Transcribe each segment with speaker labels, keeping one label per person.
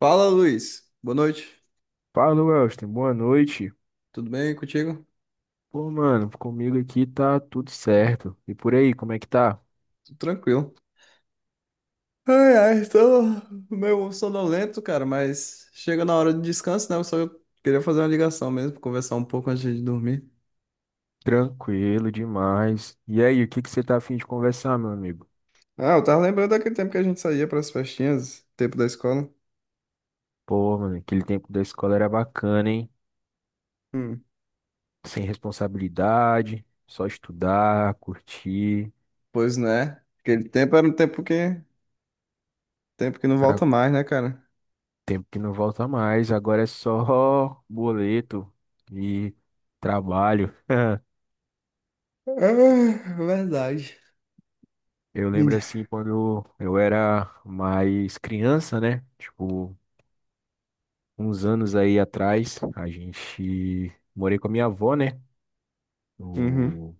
Speaker 1: Fala, Luiz. Boa noite.
Speaker 2: Fala, Welston. Boa noite.
Speaker 1: Tudo bem contigo?
Speaker 2: Pô, mano, comigo aqui tá tudo certo. E por aí, como é que tá?
Speaker 1: Tudo tranquilo. Ai, ai, tô meio sonolento, cara, mas chega na hora do descanso, né? Eu só queria fazer uma ligação mesmo, conversar um pouco antes de dormir.
Speaker 2: Tranquilo demais. E aí, o que que você tá afim de conversar, meu amigo?
Speaker 1: Ah, eu tava lembrando daquele tempo que a gente saía pras festinhas, tempo da escola.
Speaker 2: Pô, mano, aquele tempo da escola era bacana, hein?
Speaker 1: Hum.
Speaker 2: Sem responsabilidade, só estudar, curtir.
Speaker 1: Pois né? Aquele tempo era um tempo tempo que não
Speaker 2: Ah,
Speaker 1: volta mais, né, cara?
Speaker 2: tempo que não volta mais. Agora é só boleto e trabalho.
Speaker 1: Ah, verdade.
Speaker 2: Eu lembro
Speaker 1: Menina.
Speaker 2: assim quando eu era mais criança, né? Tipo, uns anos aí atrás, a gente morei com a minha avó, né?
Speaker 1: Uhum,
Speaker 2: O,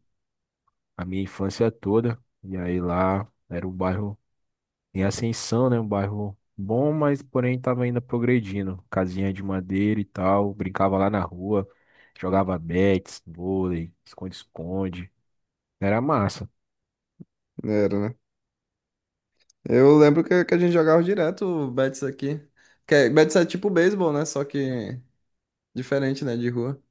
Speaker 2: a minha infância toda. E aí lá era um bairro em ascensão, né? Um bairro bom, mas porém tava ainda progredindo. Casinha de madeira e tal, brincava lá na rua, jogava bets, vôlei, esconde-esconde. Era massa.
Speaker 1: era, né? Eu lembro que a gente jogava direto o Betis aqui. Betis é tipo beisebol, né? Só que diferente, né? De rua.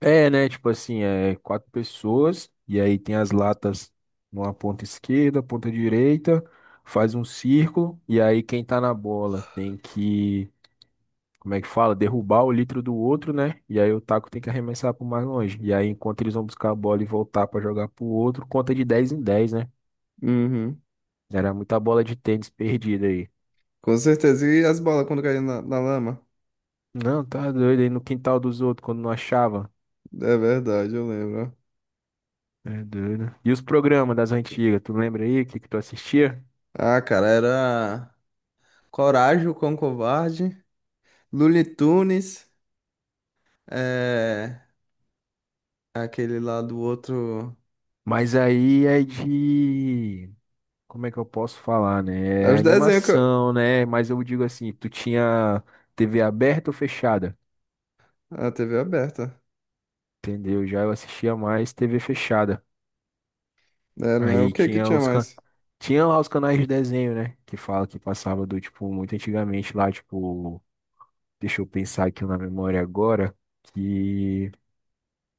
Speaker 2: É, né? Tipo assim, é quatro pessoas, e aí tem as latas numa ponta esquerda, ponta direita, faz um círculo, e aí quem tá na bola tem que, como é que fala? Derrubar o litro do outro, né? E aí o taco tem que arremessar pro mais longe. E aí, enquanto eles vão buscar a bola e voltar pra jogar pro outro, conta de 10 em 10, né?
Speaker 1: Uhum.
Speaker 2: Era muita bola de tênis perdida aí.
Speaker 1: Com certeza. E as bolas quando caíam na lama?
Speaker 2: Não, tá doido aí no quintal dos outros quando não achava.
Speaker 1: É verdade, eu lembro.
Speaker 2: É doido. E os programas das antigas, tu lembra aí o que que tu assistia?
Speaker 1: Ah, cara, era Coragem, o Cão Covarde, Looney Tunes, é... aquele lá do outro.
Speaker 2: Mas aí é de. Como é que eu posso falar, né?
Speaker 1: É
Speaker 2: É
Speaker 1: os desenhos
Speaker 2: animação, né? Mas eu digo assim, tu tinha TV aberta ou fechada?
Speaker 1: A TV aberta.
Speaker 2: Entendeu? Já eu assistia mais TV fechada.
Speaker 1: Era, né? O
Speaker 2: Aí
Speaker 1: que que
Speaker 2: tinha
Speaker 1: tinha mais?
Speaker 2: tinha lá os canais de desenho, né? Que fala que passava do tipo muito antigamente lá, tipo, deixa eu pensar aqui na memória agora que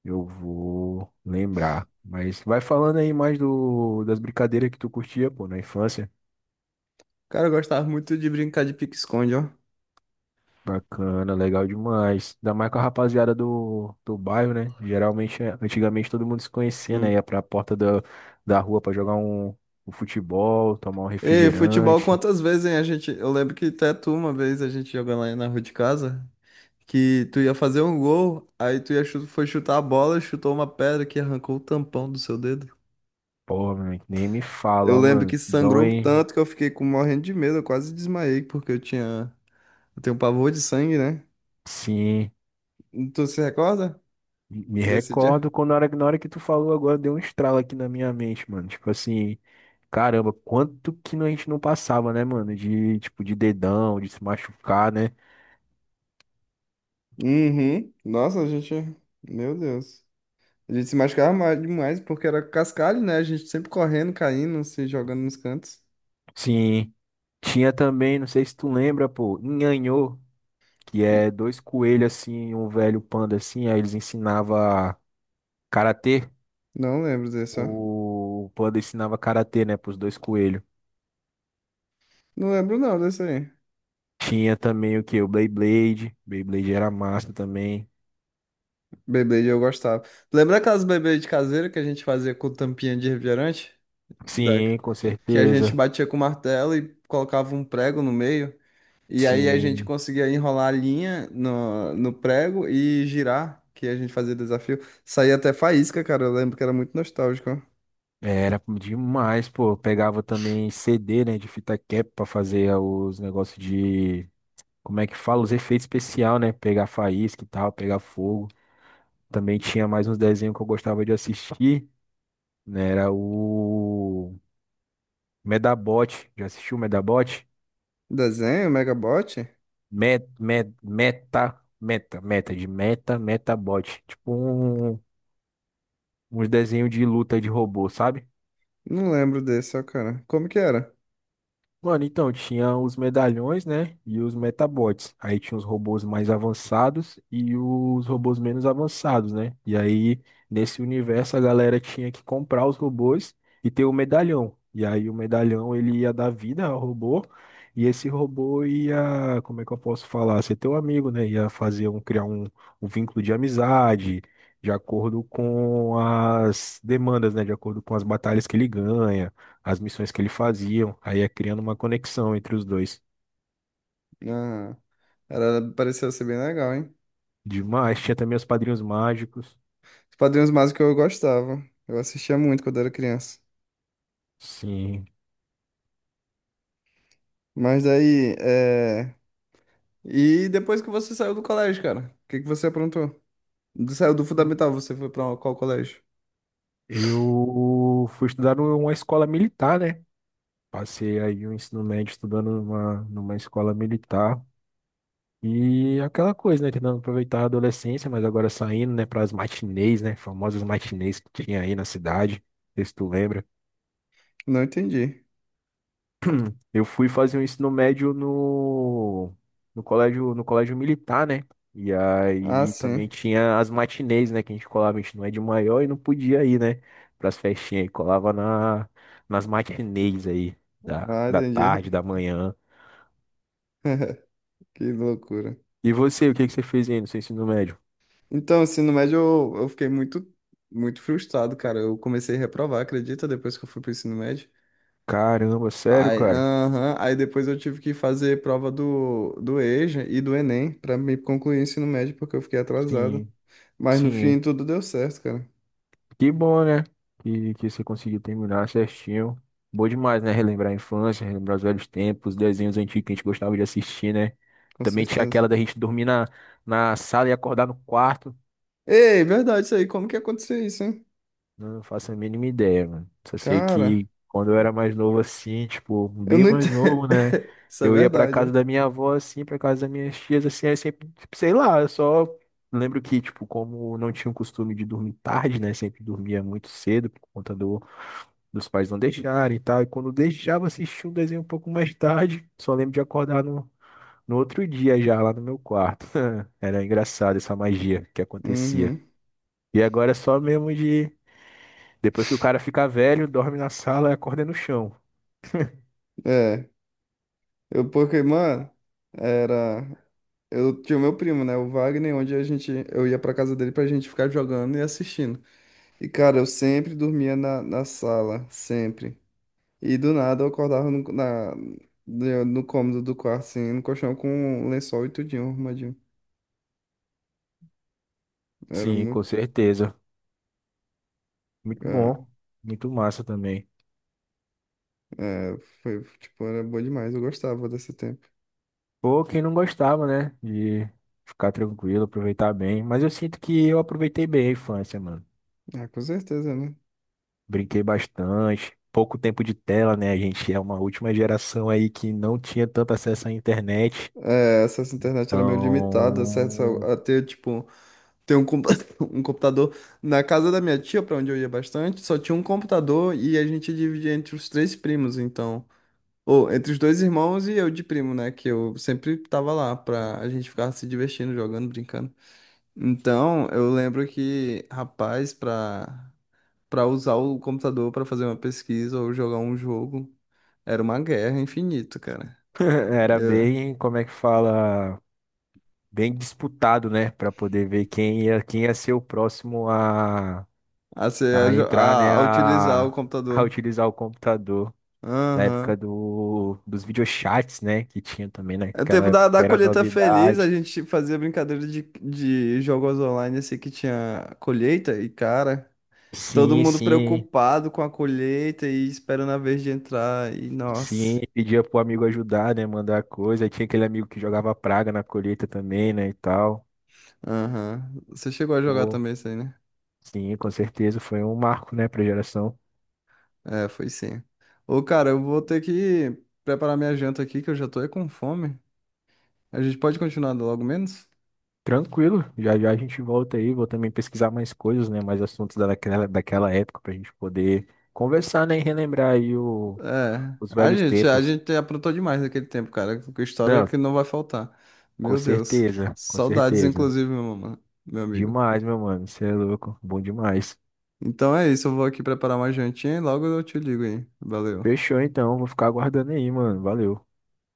Speaker 2: eu vou lembrar. Mas vai falando aí mais do das brincadeiras que tu curtia, pô, na infância.
Speaker 1: Cara, eu gostava muito de brincar de pique-esconde, ó.
Speaker 2: Bacana, legal demais. Ainda mais com a rapaziada do bairro, né? Geralmente, é, antigamente todo mundo se conhecia, né?
Speaker 1: Hum.
Speaker 2: Ia pra porta da rua pra jogar um futebol, tomar um
Speaker 1: Ei, futebol
Speaker 2: refrigerante.
Speaker 1: quantas vezes, hein? Eu lembro que até tu uma vez a gente jogando lá na rua de casa, que tu ia fazer um gol, aí tu foi chutar a bola, chutou uma pedra que arrancou o tampão do seu dedo.
Speaker 2: Pô, mano, nem me fala,
Speaker 1: Eu
Speaker 2: ó,
Speaker 1: lembro
Speaker 2: mano.
Speaker 1: que sangrou
Speaker 2: Dói,
Speaker 1: tanto que eu fiquei com morrendo de medo, eu quase desmaiei porque eu tenho pavor de sangue, né?
Speaker 2: sim.
Speaker 1: Tu se recorda
Speaker 2: Me
Speaker 1: desse dia?
Speaker 2: recordo quando na hora que tu falou agora deu um estralo aqui na minha mente, mano. Tipo assim, caramba, quanto que a gente não passava, né, mano? De, tipo, de dedão, de se machucar, né?
Speaker 1: Uhum. Nossa, meu Deus. A gente se machucava ma- demais porque era cascalho, né? A gente sempre correndo, caindo, se jogando nos cantos.
Speaker 2: Sim. Tinha também, não sei se tu lembra, pô, Nhanhô, que
Speaker 1: E
Speaker 2: é dois coelhos assim, um velho panda assim, aí eles ensinava karatê.
Speaker 1: não lembro desse, ó.
Speaker 2: O panda ensinava karatê, né, pros dois coelhos.
Speaker 1: Não lembro não desse aí.
Speaker 2: Tinha também o que? O Beyblade. Beyblade era massa também.
Speaker 1: Beyblade eu gostava. Lembra aquelas Beyblade caseira que a gente fazia com tampinha de refrigerante? Da...
Speaker 2: Sim, com
Speaker 1: Que a gente
Speaker 2: certeza.
Speaker 1: batia com martelo e colocava um prego no meio. E aí a gente
Speaker 2: Sim,
Speaker 1: conseguia enrolar a linha no prego e girar, que a gente fazia desafio. Saía até faísca, cara. Eu lembro que era muito nostálgico, ó.
Speaker 2: era demais, pô. Eu pegava também CD, né, de fita cap pra fazer os negócios de, como é que fala? Os efeitos especial, né? Pegar faísca e tal, pegar fogo. Também tinha mais uns desenhos que eu gostava de assistir, né? Era o Medabot. Já assistiu o Medabot?
Speaker 1: Desenho, Megabot?
Speaker 2: Metabot. Tipo um, uns desenhos de luta de robô, sabe?
Speaker 1: Não lembro desse, ó, cara. Como que era?
Speaker 2: Mano, então tinha os medalhões, né? E os metabots. Aí tinha os robôs mais avançados e os robôs menos avançados, né? E aí, nesse universo, a galera tinha que comprar os robôs e ter o medalhão. E aí, o medalhão ele ia dar vida ao robô. E esse robô ia, como é que eu posso falar? Ser teu amigo, né? Ia fazer um, criar um, um vínculo de amizade, de acordo com as demandas, né? De acordo com as batalhas que ele ganha as missões que ele fazia, aí ia criando uma conexão entre os dois.
Speaker 1: Ah, era, pareceu ser bem legal, hein?
Speaker 2: Demais, tinha também os padrinhos mágicos.
Speaker 1: Os Padrinhos Mágicos eu gostava. Eu assistia muito quando era criança.
Speaker 2: Sim,
Speaker 1: Mas aí, e depois que você saiu do colégio, cara? O que que você aprontou? Saiu do fundamental, você foi pra qual colégio?
Speaker 2: eu fui estudar numa escola militar, né? Passei aí o ensino médio estudando numa escola militar. E aquela coisa, né? Tentando aproveitar a adolescência, mas agora saindo, né, para as matinês, né? Famosas matinês que tinha aí na cidade. Não sei se tu lembra.
Speaker 1: Não entendi.
Speaker 2: Eu fui fazer o ensino médio no colégio, no colégio militar, né? E
Speaker 1: Ah,
Speaker 2: aí também
Speaker 1: sim.
Speaker 2: tinha as matinês, né? Que a gente colava, a gente não é de maior e não podia ir, né? Pras festinhas aí, colava na, nas matinês aí, da,
Speaker 1: Ah,
Speaker 2: da
Speaker 1: entendi.
Speaker 2: tarde, da manhã.
Speaker 1: Que loucura.
Speaker 2: E você, o que que você fez aí no seu ensino médio?
Speaker 1: Então, ensino médio, eu fiquei muito frustrado, cara. Eu comecei a reprovar, acredita, depois que eu fui pro ensino médio.
Speaker 2: Caramba, sério,
Speaker 1: Aí,
Speaker 2: cara?
Speaker 1: aham, aí depois eu tive que fazer prova do EJA e do Enem pra me concluir o ensino médio, porque eu fiquei atrasado.
Speaker 2: Sim,
Speaker 1: Mas no
Speaker 2: sim.
Speaker 1: fim tudo deu certo, cara.
Speaker 2: Que bom, né? Que você conseguiu terminar certinho. Bom demais, né? Relembrar a infância, relembrar os velhos tempos, desenhos antigos que a gente gostava de assistir, né?
Speaker 1: Com
Speaker 2: Também tinha
Speaker 1: certeza.
Speaker 2: aquela da gente dormir na sala e acordar no quarto.
Speaker 1: Ei, verdade isso aí. Como que aconteceu isso, hein?
Speaker 2: Não faço a mínima ideia, mano. Só sei
Speaker 1: Cara,
Speaker 2: que quando eu era mais novo assim, tipo,
Speaker 1: eu
Speaker 2: bem
Speaker 1: não
Speaker 2: mais
Speaker 1: entendo.
Speaker 2: novo, né?
Speaker 1: Isso é
Speaker 2: Eu ia pra
Speaker 1: verdade,
Speaker 2: casa
Speaker 1: ó.
Speaker 2: da minha avó, assim, pra casa das minhas tias, assim, aí sempre, tipo, sei lá, eu só lembro que, tipo, como não tinha o costume de dormir tarde, né? Sempre dormia muito cedo por conta do dos pais não deixarem e tal. E quando deixava assistir um desenho um pouco mais tarde, só lembro de acordar no outro dia já lá no meu quarto. Era engraçado essa magia que acontecia.
Speaker 1: Uhum.
Speaker 2: E agora é só mesmo de. Depois que o cara fica velho, dorme na sala e acorda no chão.
Speaker 1: É. Eu, porque, mano, era. Eu tinha o meu primo, né? O Wagner, onde a gente. Eu ia pra casa dele pra gente ficar jogando e assistindo. E, cara, eu sempre dormia na sala, sempre. E do nada eu acordava no, na, no no cômodo do quarto, assim, no colchão com um lençol e tudinho, arrumadinho. Era
Speaker 2: Sim, com
Speaker 1: muito.
Speaker 2: certeza. Muito
Speaker 1: É,
Speaker 2: bom. Muito massa também.
Speaker 1: é, foi, tipo, era bom demais. Eu gostava desse tempo.
Speaker 2: Pô, quem não gostava, né? De ficar tranquilo, aproveitar bem. Mas eu sinto que eu aproveitei bem a infância, mano.
Speaker 1: Ah, com certeza, né?
Speaker 2: Brinquei bastante. Pouco tempo de tela, né? A gente é uma última geração aí que não tinha tanto acesso à internet.
Speaker 1: É, essas internet era meio limitada, acesso
Speaker 2: Então,
Speaker 1: a ter, tipo, ter um computador. Na casa da minha tia, pra onde eu ia bastante, só tinha um computador e a gente dividia entre os três primos, então. Ou entre os dois irmãos e eu de primo, né? Que eu sempre tava lá pra a gente ficar se divertindo, jogando, brincando. Então, eu lembro que, rapaz, pra usar o computador pra fazer uma pesquisa ou jogar um jogo, era uma guerra infinita, cara.
Speaker 2: era bem, como é que fala? Bem disputado, né? Para poder ver quem ia ser o próximo
Speaker 1: A,
Speaker 2: a
Speaker 1: ser-
Speaker 2: entrar, né?
Speaker 1: a utilizar o
Speaker 2: A
Speaker 1: computador.
Speaker 2: utilizar o computador. Na
Speaker 1: Aham.
Speaker 2: época dos videochats, né? Que tinha também né?
Speaker 1: É o
Speaker 2: Naquela
Speaker 1: tempo
Speaker 2: época, que
Speaker 1: da
Speaker 2: era
Speaker 1: colheita feliz, a
Speaker 2: novidade.
Speaker 1: gente fazia brincadeira de jogos online assim que tinha colheita e, cara, todo
Speaker 2: Sim,
Speaker 1: mundo
Speaker 2: sim.
Speaker 1: preocupado com a colheita e esperando a vez de entrar e, nossa.
Speaker 2: Sim, pedia pro amigo ajudar, né? Mandar coisa. Aí tinha aquele amigo que jogava praga na colheita também, né? E tal.
Speaker 1: Aham. Você chegou a jogar
Speaker 2: Pô,
Speaker 1: também isso aí, né?
Speaker 2: sim, com certeza. Foi um marco, né, pra geração.
Speaker 1: É, foi sim. Ô, cara, eu vou ter que preparar minha janta aqui, que eu já tô é com fome. A gente pode continuar logo menos?
Speaker 2: Tranquilo, já já a gente volta aí. Vou também pesquisar mais coisas, né? Mais assuntos daquela, daquela época pra gente poder conversar, né? E relembrar aí o,
Speaker 1: É,
Speaker 2: os velhos
Speaker 1: a
Speaker 2: tempos.
Speaker 1: gente aprontou demais naquele tempo, cara. Que história
Speaker 2: Não,
Speaker 1: que não vai faltar.
Speaker 2: com
Speaker 1: Meu Deus.
Speaker 2: certeza, com
Speaker 1: Saudades,
Speaker 2: certeza.
Speaker 1: inclusive, meu amigo.
Speaker 2: Demais, meu mano. Você é louco. Bom demais.
Speaker 1: Então é isso, eu vou aqui preparar uma jantinha e logo eu te ligo aí. Valeu.
Speaker 2: Fechou então, vou ficar aguardando aí, mano. Valeu.